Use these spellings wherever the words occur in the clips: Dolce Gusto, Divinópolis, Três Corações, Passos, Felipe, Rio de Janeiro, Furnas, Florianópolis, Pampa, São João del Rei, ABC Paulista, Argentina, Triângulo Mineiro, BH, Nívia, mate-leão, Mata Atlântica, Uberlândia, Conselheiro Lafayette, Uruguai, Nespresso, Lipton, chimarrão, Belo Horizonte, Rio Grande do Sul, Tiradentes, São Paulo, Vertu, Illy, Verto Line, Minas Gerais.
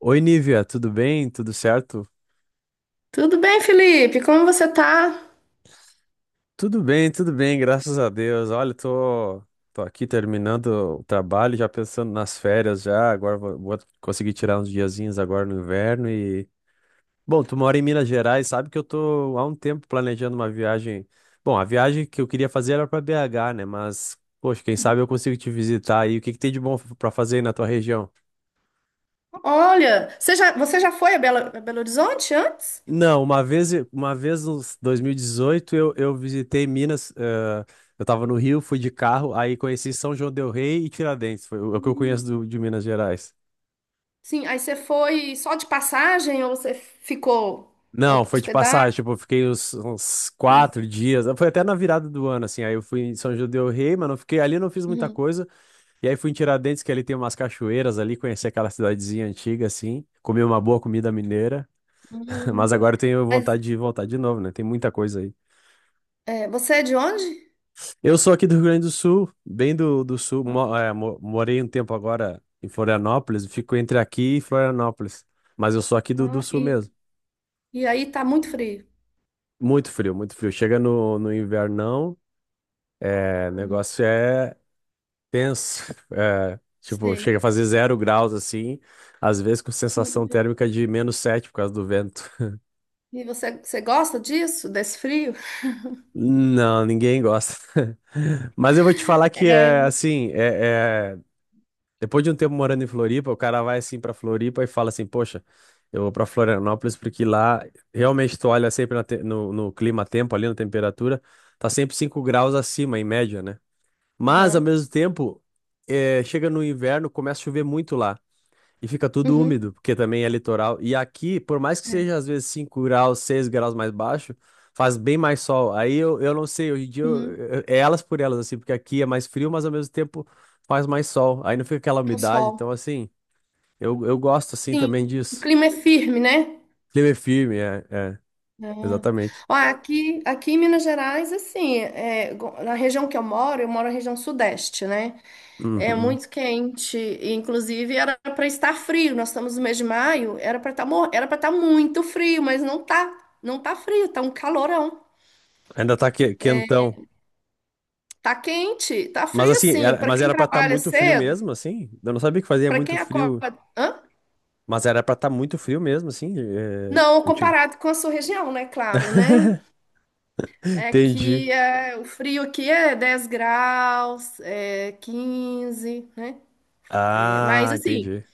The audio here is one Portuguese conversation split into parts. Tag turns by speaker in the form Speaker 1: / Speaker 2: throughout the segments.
Speaker 1: Oi, Nívia, tudo bem? Tudo certo?
Speaker 2: Tudo bem, Felipe? Como você tá?
Speaker 1: Tudo bem, graças a Deus. Olha, tô aqui terminando o trabalho, já pensando nas férias já. Agora vou conseguir tirar uns diazinhos agora no inverno e Bom, tu mora em Minas Gerais, sabe que eu tô há um tempo planejando uma viagem... Bom, a viagem que eu queria fazer era para BH, né? Mas, poxa, quem sabe eu consigo te visitar aí. O que que tem de bom para fazer aí na tua região?
Speaker 2: Olha, você já foi a Belo Horizonte antes?
Speaker 1: Não, uma vez em 2018, eu visitei Minas, eu tava no Rio, fui de carro, aí conheci São João del Rei e Tiradentes, foi o é o que eu conheço de Minas Gerais.
Speaker 2: Sim, aí você foi só de passagem ou você ficou
Speaker 1: Não, foi de
Speaker 2: hospedado?
Speaker 1: passagem, tipo, eu fiquei uns quatro dias, foi até na virada do ano, assim, aí eu fui em São João del Rei, mas não fiquei ali, não fiz muita
Speaker 2: Uhum.
Speaker 1: coisa, e aí fui em Tiradentes, que ali tem umas cachoeiras ali, conheci aquela cidadezinha antiga, assim, comi uma boa comida mineira, mas
Speaker 2: Hum.
Speaker 1: agora eu tenho
Speaker 2: Mas
Speaker 1: vontade de voltar de novo, né, tem muita coisa aí.
Speaker 2: é, você é de onde?
Speaker 1: Eu sou aqui do Rio Grande do Sul, bem do sul.
Speaker 2: Ah,
Speaker 1: Morei um tempo agora em Florianópolis, fico entre aqui e Florianópolis. Mas eu sou aqui do
Speaker 2: ah,
Speaker 1: sul mesmo.
Speaker 2: e aí tá muito frio.
Speaker 1: Muito frio, muito frio. Chega no invernão, é, o
Speaker 2: Uhum.
Speaker 1: negócio é tenso. É, tipo,
Speaker 2: Sei.
Speaker 1: chega a fazer zero graus assim, às vezes com sensação
Speaker 2: Uhum.
Speaker 1: térmica de menos sete por causa do vento.
Speaker 2: E você gosta disso, desse frio?
Speaker 1: Não, ninguém gosta. Mas eu vou te falar que é assim, é. Depois de um tempo morando em Floripa, o cara vai assim pra Floripa e fala assim: Poxa, eu vou pra Florianópolis porque lá realmente tu olha sempre na no clima-tempo, ali na temperatura, tá sempre 5 graus acima, em média, né? Mas, ao
Speaker 2: Uhum.
Speaker 1: mesmo tempo, chega no inverno, começa a chover muito lá. E fica tudo úmido,
Speaker 2: Uhum.
Speaker 1: porque também é litoral. E aqui, por mais que
Speaker 2: É.
Speaker 1: seja às vezes 5 graus, 6 graus mais baixo, faz bem mais sol. Aí eu não sei, hoje em dia
Speaker 2: Uhum.
Speaker 1: é elas por elas, assim, porque aqui é mais frio, mas ao mesmo tempo faz mais sol. Aí não fica aquela
Speaker 2: Um
Speaker 1: umidade.
Speaker 2: sol.
Speaker 1: Então, assim, eu gosto assim
Speaker 2: Sim.
Speaker 1: também
Speaker 2: O
Speaker 1: disso.
Speaker 2: clima é firme, né?
Speaker 1: Clima é firme,
Speaker 2: É.
Speaker 1: exatamente.
Speaker 2: Ó, aqui em Minas Gerais, assim, é, na região que eu moro na região sudeste, né? É
Speaker 1: Uhum.
Speaker 2: muito quente, e, inclusive era para estar frio. Nós estamos no mês de maio, era para estar muito frio, mas não tá, não tá frio, tá um calorão.
Speaker 1: Ainda tá quentão.
Speaker 2: Tá quente, tá
Speaker 1: Mas
Speaker 2: frio
Speaker 1: assim,
Speaker 2: sim,
Speaker 1: era,
Speaker 2: para
Speaker 1: mas
Speaker 2: quem
Speaker 1: era pra estar
Speaker 2: trabalha
Speaker 1: muito frio
Speaker 2: cedo,
Speaker 1: mesmo, assim. Eu não sabia que fazia
Speaker 2: para
Speaker 1: muito
Speaker 2: quem acorda,
Speaker 1: frio,
Speaker 2: hã?
Speaker 1: mas era pra estar muito frio mesmo, assim. É,
Speaker 2: Não, comparado com a sua região, né? Claro, né? É
Speaker 1: Entendi.
Speaker 2: que é, o frio aqui é 10 graus, é 15 né? É, mas
Speaker 1: Ah,
Speaker 2: assim,
Speaker 1: entendi.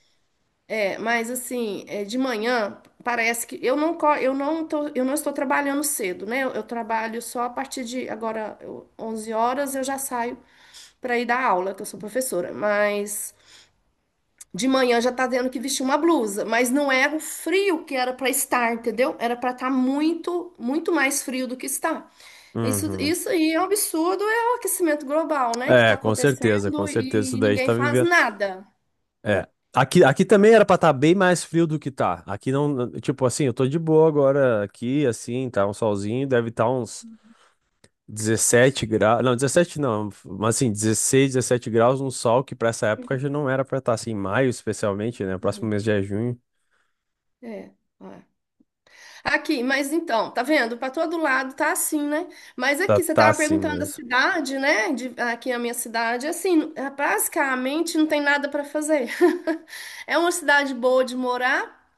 Speaker 2: é, mas assim, é, de manhã parece que eu não tô, eu não estou trabalhando cedo, né? Eu trabalho só a partir de agora eu, 11 horas eu já saio para ir dar aula, que eu sou professora, mas de manhã já tá tendo que vestir uma blusa, mas não é o frio que era para estar, entendeu? Era para estar muito, muito mais frio do que está. Isso,
Speaker 1: Uhum.
Speaker 2: isso aí é um absurdo, é o aquecimento global, né, que está
Speaker 1: É, com certeza, com
Speaker 2: acontecendo
Speaker 1: certeza. Isso
Speaker 2: e
Speaker 1: daí a gente
Speaker 2: ninguém
Speaker 1: tá
Speaker 2: faz
Speaker 1: vivendo.
Speaker 2: nada.
Speaker 1: É. Aqui, aqui também era pra estar bem mais frio do que tá. Aqui não. Tipo assim, eu tô de boa agora aqui, assim, tá um solzinho, deve estar uns 17 graus. Não, 17 não, mas assim, 16, 17 graus, um sol que pra essa época já não era pra estar assim, em maio especialmente, né? Próximo
Speaker 2: Uhum.
Speaker 1: mês já é junho.
Speaker 2: É. É. Aqui, mas então, tá vendo? Pra todo lado tá assim, né? Mas
Speaker 1: Tá,
Speaker 2: aqui, você
Speaker 1: tá
Speaker 2: tava
Speaker 1: assim
Speaker 2: perguntando da
Speaker 1: mesmo.
Speaker 2: cidade, né? Aqui a minha cidade, assim, é, basicamente não tem nada pra fazer. É uma cidade boa de morar,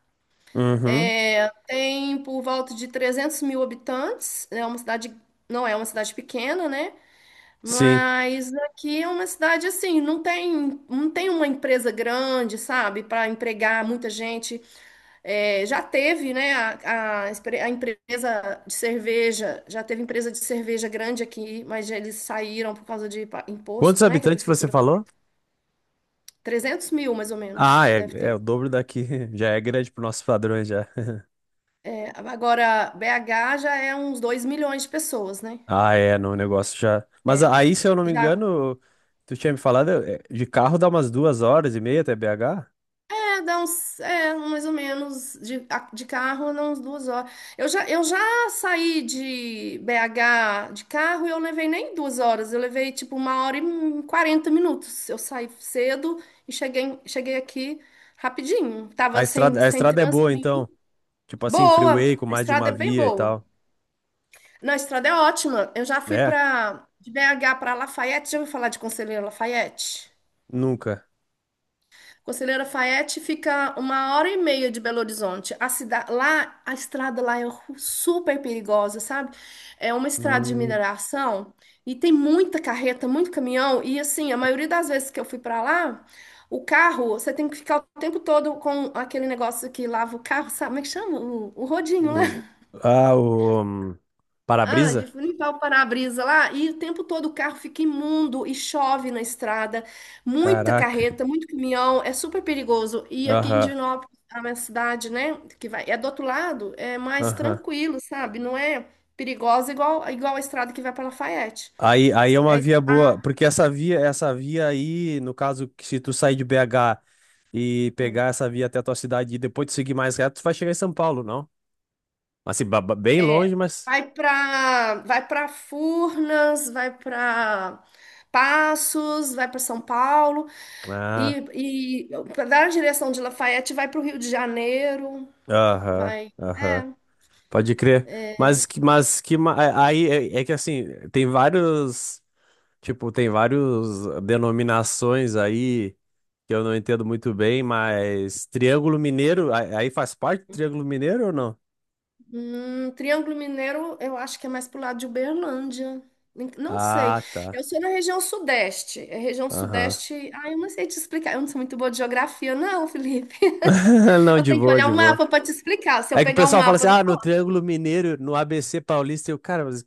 Speaker 1: Uhum.
Speaker 2: é, tem por volta de 300 mil habitantes, é uma cidade, não é uma cidade pequena, né?
Speaker 1: Sim.
Speaker 2: Mas aqui é uma cidade assim, não tem uma empresa grande, sabe, para empregar muita gente. É, já teve, né, a a empresa de cerveja, já teve empresa de cerveja grande aqui, mas eles saíram por causa de
Speaker 1: Quantos
Speaker 2: imposto, né, que a
Speaker 1: habitantes você
Speaker 2: prefeitura,
Speaker 1: falou?
Speaker 2: 300 mil mais ou menos,
Speaker 1: Ah,
Speaker 2: que
Speaker 1: é,
Speaker 2: deve
Speaker 1: é o
Speaker 2: ter.
Speaker 1: dobro daqui. Já é grande para nossos padrões já.
Speaker 2: É, agora, BH já é uns 2 milhões de pessoas, né?
Speaker 1: Ah, é, não, o negócio já. Mas aí, se eu não me
Speaker 2: Já,
Speaker 1: engano, tu tinha me falado, é, de carro dá umas duas horas e meia até BH?
Speaker 2: é, dá uns, é, mais ou menos, de, de carro, dá uns 2 horas. Eu já saí de BH de carro e eu levei nem 2 horas, eu levei tipo 1 hora e 40 minutos. Eu saí cedo e cheguei aqui rapidinho. Tava sem,
Speaker 1: A
Speaker 2: sem
Speaker 1: estrada é
Speaker 2: trânsito
Speaker 1: boa,
Speaker 2: nenhum.
Speaker 1: então. Tipo assim, freeway
Speaker 2: Boa,
Speaker 1: com
Speaker 2: a
Speaker 1: mais de
Speaker 2: estrada é
Speaker 1: uma
Speaker 2: bem
Speaker 1: via e
Speaker 2: boa.
Speaker 1: tal.
Speaker 2: Não, a estrada é ótima. Eu já fui
Speaker 1: É?
Speaker 2: pra, de BH para Lafayette, já ouviu falar de Conselheiro Lafayette?
Speaker 1: Nunca.
Speaker 2: Conselheiro Lafayette fica 1 hora e meia de Belo Horizonte. A cidade lá, a estrada lá é super perigosa, sabe? É uma estrada de
Speaker 1: Hum,
Speaker 2: mineração e tem muita carreta, muito caminhão e assim, a maioria das vezes que eu fui pra lá, o carro, você tem que ficar o tempo todo com aquele negócio que lava o carro, sabe? Como é que chama? O rodinho, lá.
Speaker 1: o... Ah, o.
Speaker 2: Ah, de
Speaker 1: Para-brisa?
Speaker 2: limpar o para-brisa lá, e o tempo todo o carro fica imundo e chove na estrada, muita
Speaker 1: Caraca.
Speaker 2: carreta, muito caminhão, é super perigoso. E aqui em
Speaker 1: Aham,
Speaker 2: Divinópolis, a minha cidade, né, que vai, é do outro lado, é mais
Speaker 1: aham.
Speaker 2: tranquilo, sabe? Não é perigosa igual, igual a estrada que vai para Lafayette.
Speaker 1: Aí, aí é uma
Speaker 2: É, isso.
Speaker 1: via boa, porque essa via aí, no caso, que se tu sair de BH. E pegar essa via até a tua cidade e depois tu seguir mais reto, tu vai chegar em São Paulo, não? Assim, bem
Speaker 2: É,
Speaker 1: longe, mas.
Speaker 2: vai para Furnas, vai para Passos, vai para São Paulo,
Speaker 1: Ah,
Speaker 2: e da direção de Lafayette vai para o Rio de Janeiro.
Speaker 1: aham,
Speaker 2: Vai.
Speaker 1: aham.
Speaker 2: É.
Speaker 1: Pode crer. Mas, Aí é que assim, tem vários. Tipo, tem vários denominações aí que eu não entendo muito bem, mas Triângulo Mineiro, aí faz parte do Triângulo Mineiro ou não?
Speaker 2: Triângulo Mineiro, eu acho que é mais pro lado de Uberlândia. Não sei.
Speaker 1: Ah,
Speaker 2: Eu
Speaker 1: tá.
Speaker 2: sou na região sudeste. É região
Speaker 1: Aham.
Speaker 2: sudeste. Ah, eu não sei te explicar. Eu não sou muito boa de geografia, não, Felipe.
Speaker 1: Não,
Speaker 2: Eu
Speaker 1: de
Speaker 2: tenho que
Speaker 1: boa,
Speaker 2: olhar
Speaker 1: de
Speaker 2: o
Speaker 1: boa.
Speaker 2: mapa para te explicar. Se eu
Speaker 1: É que o
Speaker 2: pegar o
Speaker 1: pessoal fala assim,
Speaker 2: mapa do.
Speaker 1: ah, no Triângulo Mineiro, no ABC Paulista, eu, cara, mas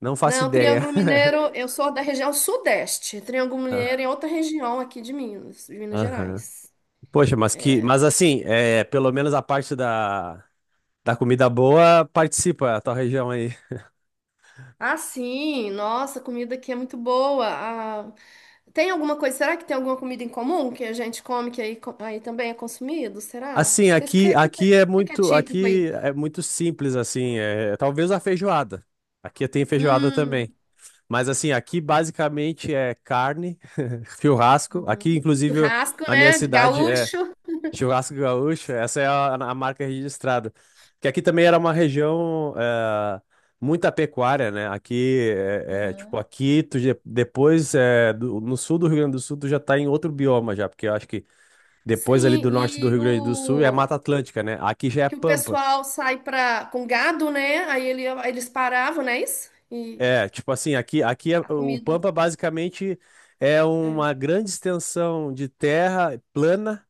Speaker 1: não faço
Speaker 2: Não,
Speaker 1: ideia.
Speaker 2: Triângulo Mineiro, eu sou da região sudeste. Triângulo Mineiro
Speaker 1: Ah,
Speaker 2: é outra região aqui de Minas
Speaker 1: aham.
Speaker 2: Gerais.
Speaker 1: Poxa, mas que, mas assim, é, pelo menos a parte da comida boa participa a tua região aí.
Speaker 2: Ah, sim, nossa, a comida aqui é muito boa. Ah, tem alguma coisa, será que tem alguma comida em comum que a gente come que aí, aí também é consumido? Será?
Speaker 1: Assim,
Speaker 2: Vocês
Speaker 1: aqui,
Speaker 2: que, que, que que é típico aí?
Speaker 1: aqui é muito simples assim, é, talvez a feijoada. Aqui tem feijoada
Speaker 2: Hum,
Speaker 1: também. Mas assim, aqui basicamente é carne, churrasco. Aqui,
Speaker 2: uhum.
Speaker 1: inclusive,
Speaker 2: Churrasco,
Speaker 1: a minha
Speaker 2: né?
Speaker 1: cidade é
Speaker 2: Gaúcho.
Speaker 1: Churrasco Gaúcho, essa é a marca registrada. Que aqui também era uma região muita pecuária, né? Aqui, tipo,
Speaker 2: Aham.
Speaker 1: aqui, tu, depois, no sul do Rio Grande do Sul, tu já tá em outro bioma já, porque eu acho que depois ali do
Speaker 2: Sim,
Speaker 1: norte do Rio
Speaker 2: e
Speaker 1: Grande do Sul é
Speaker 2: o
Speaker 1: Mata Atlântica, né? Aqui já é
Speaker 2: que o
Speaker 1: Pampa.
Speaker 2: pessoal sai pra, com gado, né? Aí ele, eles paravam, não é isso? E
Speaker 1: É, tipo assim, aqui,
Speaker 2: a
Speaker 1: o
Speaker 2: comida.
Speaker 1: Pampa basicamente é
Speaker 2: É.
Speaker 1: uma grande extensão de terra plana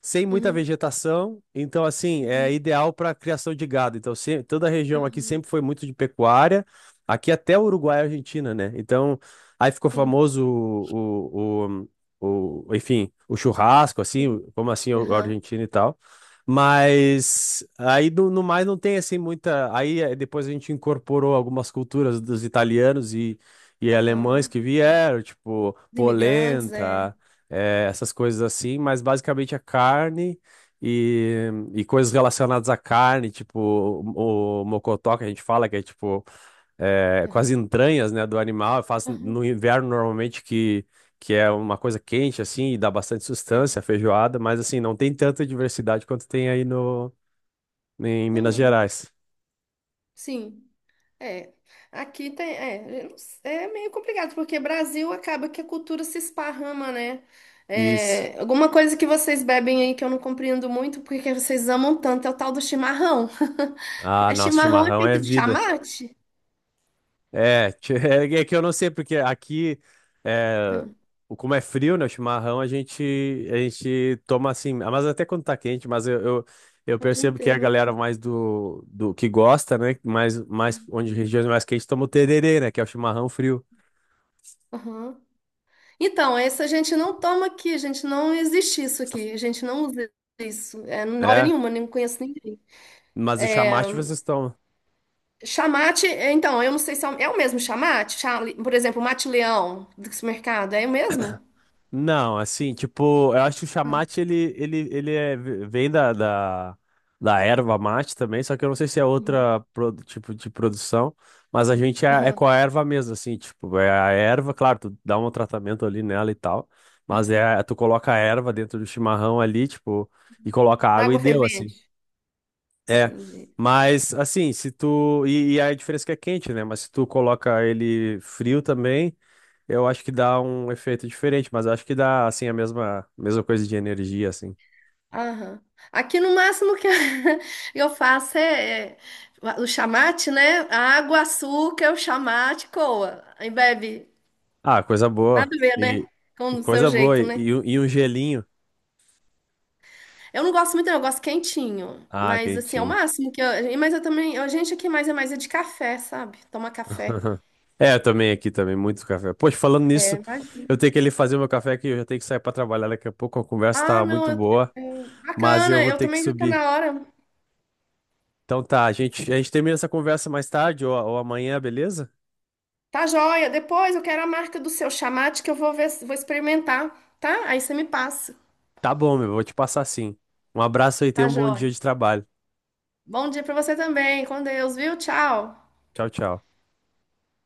Speaker 1: sem muita
Speaker 2: Uhum,
Speaker 1: vegetação, então assim, é
Speaker 2: uhum,
Speaker 1: ideal para criação de gado. Então, toda a região aqui
Speaker 2: aham,
Speaker 1: sempre foi muito de pecuária, aqui até o Uruguai e Argentina, né? Então, aí ficou
Speaker 2: sim.
Speaker 1: famoso enfim, o churrasco, assim,
Speaker 2: Uhum,
Speaker 1: o
Speaker 2: aham,
Speaker 1: argentino e tal. Mas aí no mais não tem assim muita. Aí depois a gente incorporou algumas culturas dos italianos e alemães
Speaker 2: aham.
Speaker 1: que vieram, tipo
Speaker 2: Os imigrantes, é.
Speaker 1: polenta essas coisas assim, mas basicamente a carne e, e coisas relacionadas à carne, tipo o mocotó que a gente fala, que é tipo com as
Speaker 2: Aham,
Speaker 1: entranhas, né, do animal. Eu faço
Speaker 2: aham,
Speaker 1: no inverno normalmente que é uma coisa quente assim e dá bastante
Speaker 2: é.
Speaker 1: sustância, a feijoada, mas assim, não tem tanta diversidade quanto tem aí no, em Minas
Speaker 2: Hum,
Speaker 1: Gerais.
Speaker 2: sim, é. Aqui tem, é, eu não s- é meio complicado, porque Brasil acaba que a cultura se esparrama, né?
Speaker 1: Isso.
Speaker 2: É, alguma coisa que vocês bebem aí que eu não compreendo muito, porque que vocês amam tanto, é o tal do chimarrão.
Speaker 1: Ah,
Speaker 2: É
Speaker 1: nosso
Speaker 2: chimarrão é
Speaker 1: chimarrão é
Speaker 2: feito de
Speaker 1: vida.
Speaker 2: chamate?
Speaker 1: É, é que eu não sei, porque aqui, é,
Speaker 2: Hum,
Speaker 1: como é frio, né, o chimarrão, a gente toma assim, ah, mas até quando tá quente, mas eu
Speaker 2: é o dia
Speaker 1: percebo que a
Speaker 2: inteiro, né?
Speaker 1: galera mais do que gosta, né, onde regiões mais quentes toma o tererê, né, que é o chimarrão frio.
Speaker 2: Aham. Então, esse a gente não toma aqui, a gente não existe isso aqui, a gente não usa isso, é, na hora
Speaker 1: É,
Speaker 2: nenhuma, nem conheço ninguém.
Speaker 1: mas o chamaste vocês tomam.
Speaker 2: Chamate, é, então, eu não sei se é o, é o mesmo chamate, por exemplo, mate-leão do supermercado, é o mesmo?
Speaker 1: Não, assim, tipo, eu acho que o chamate ele é, vem da da erva mate também, só que eu não sei se é outra tipo de produção, mas a gente é com
Speaker 2: Aham.
Speaker 1: a erva mesmo, assim, tipo, é a erva, claro, tu dá um tratamento ali nela e tal, mas
Speaker 2: Aham.
Speaker 1: é, tu coloca a erva dentro do chimarrão ali, tipo, e coloca
Speaker 2: Da
Speaker 1: água e
Speaker 2: Água
Speaker 1: deu, assim.
Speaker 2: fervente.
Speaker 1: É,
Speaker 2: Entendi.
Speaker 1: mas assim, se tu. E a diferença é que é quente, né? Mas se tu coloca ele frio também, eu acho que dá um efeito diferente, mas eu acho que dá, assim, a mesma coisa de energia, assim.
Speaker 2: Aham. Aqui no máximo que eu faço é, é o chamate, né? Água, açúcar, o chamate, coa. Aí bebe.
Speaker 1: Ah, coisa
Speaker 2: Nada
Speaker 1: boa.
Speaker 2: a ver, né? Com
Speaker 1: E
Speaker 2: o seu
Speaker 1: coisa boa.
Speaker 2: jeito, né?
Speaker 1: E um gelinho.
Speaker 2: Eu não gosto muito, não, eu gosto quentinho.
Speaker 1: Ah,
Speaker 2: Mas assim, é o
Speaker 1: quentinho.
Speaker 2: máximo que eu. Mas eu também. A gente aqui mais é de café, sabe? Toma café.
Speaker 1: É, eu também aqui também, muito café. Poxa, falando
Speaker 2: É,
Speaker 1: nisso,
Speaker 2: imagina.
Speaker 1: eu tenho que ali fazer meu café aqui, eu já tenho que sair pra trabalhar daqui a pouco, a conversa
Speaker 2: Ah,
Speaker 1: tá
Speaker 2: não,
Speaker 1: muito boa,
Speaker 2: é,
Speaker 1: mas eu
Speaker 2: bacana,
Speaker 1: vou
Speaker 2: eu
Speaker 1: ter que
Speaker 2: também já tá
Speaker 1: subir.
Speaker 2: na hora.
Speaker 1: Então tá, a gente termina essa conversa mais tarde ou amanhã, beleza?
Speaker 2: Tá joia. Depois eu quero a marca do seu chamate que eu vou ver, vou experimentar, tá? Aí você me passa.
Speaker 1: Tá bom, meu, vou te passar sim. Um abraço aí, tenha
Speaker 2: Tá
Speaker 1: um bom
Speaker 2: joia.
Speaker 1: dia de trabalho.
Speaker 2: Bom dia pra você também. Com Deus, viu? Tchau.
Speaker 1: Tchau, tchau.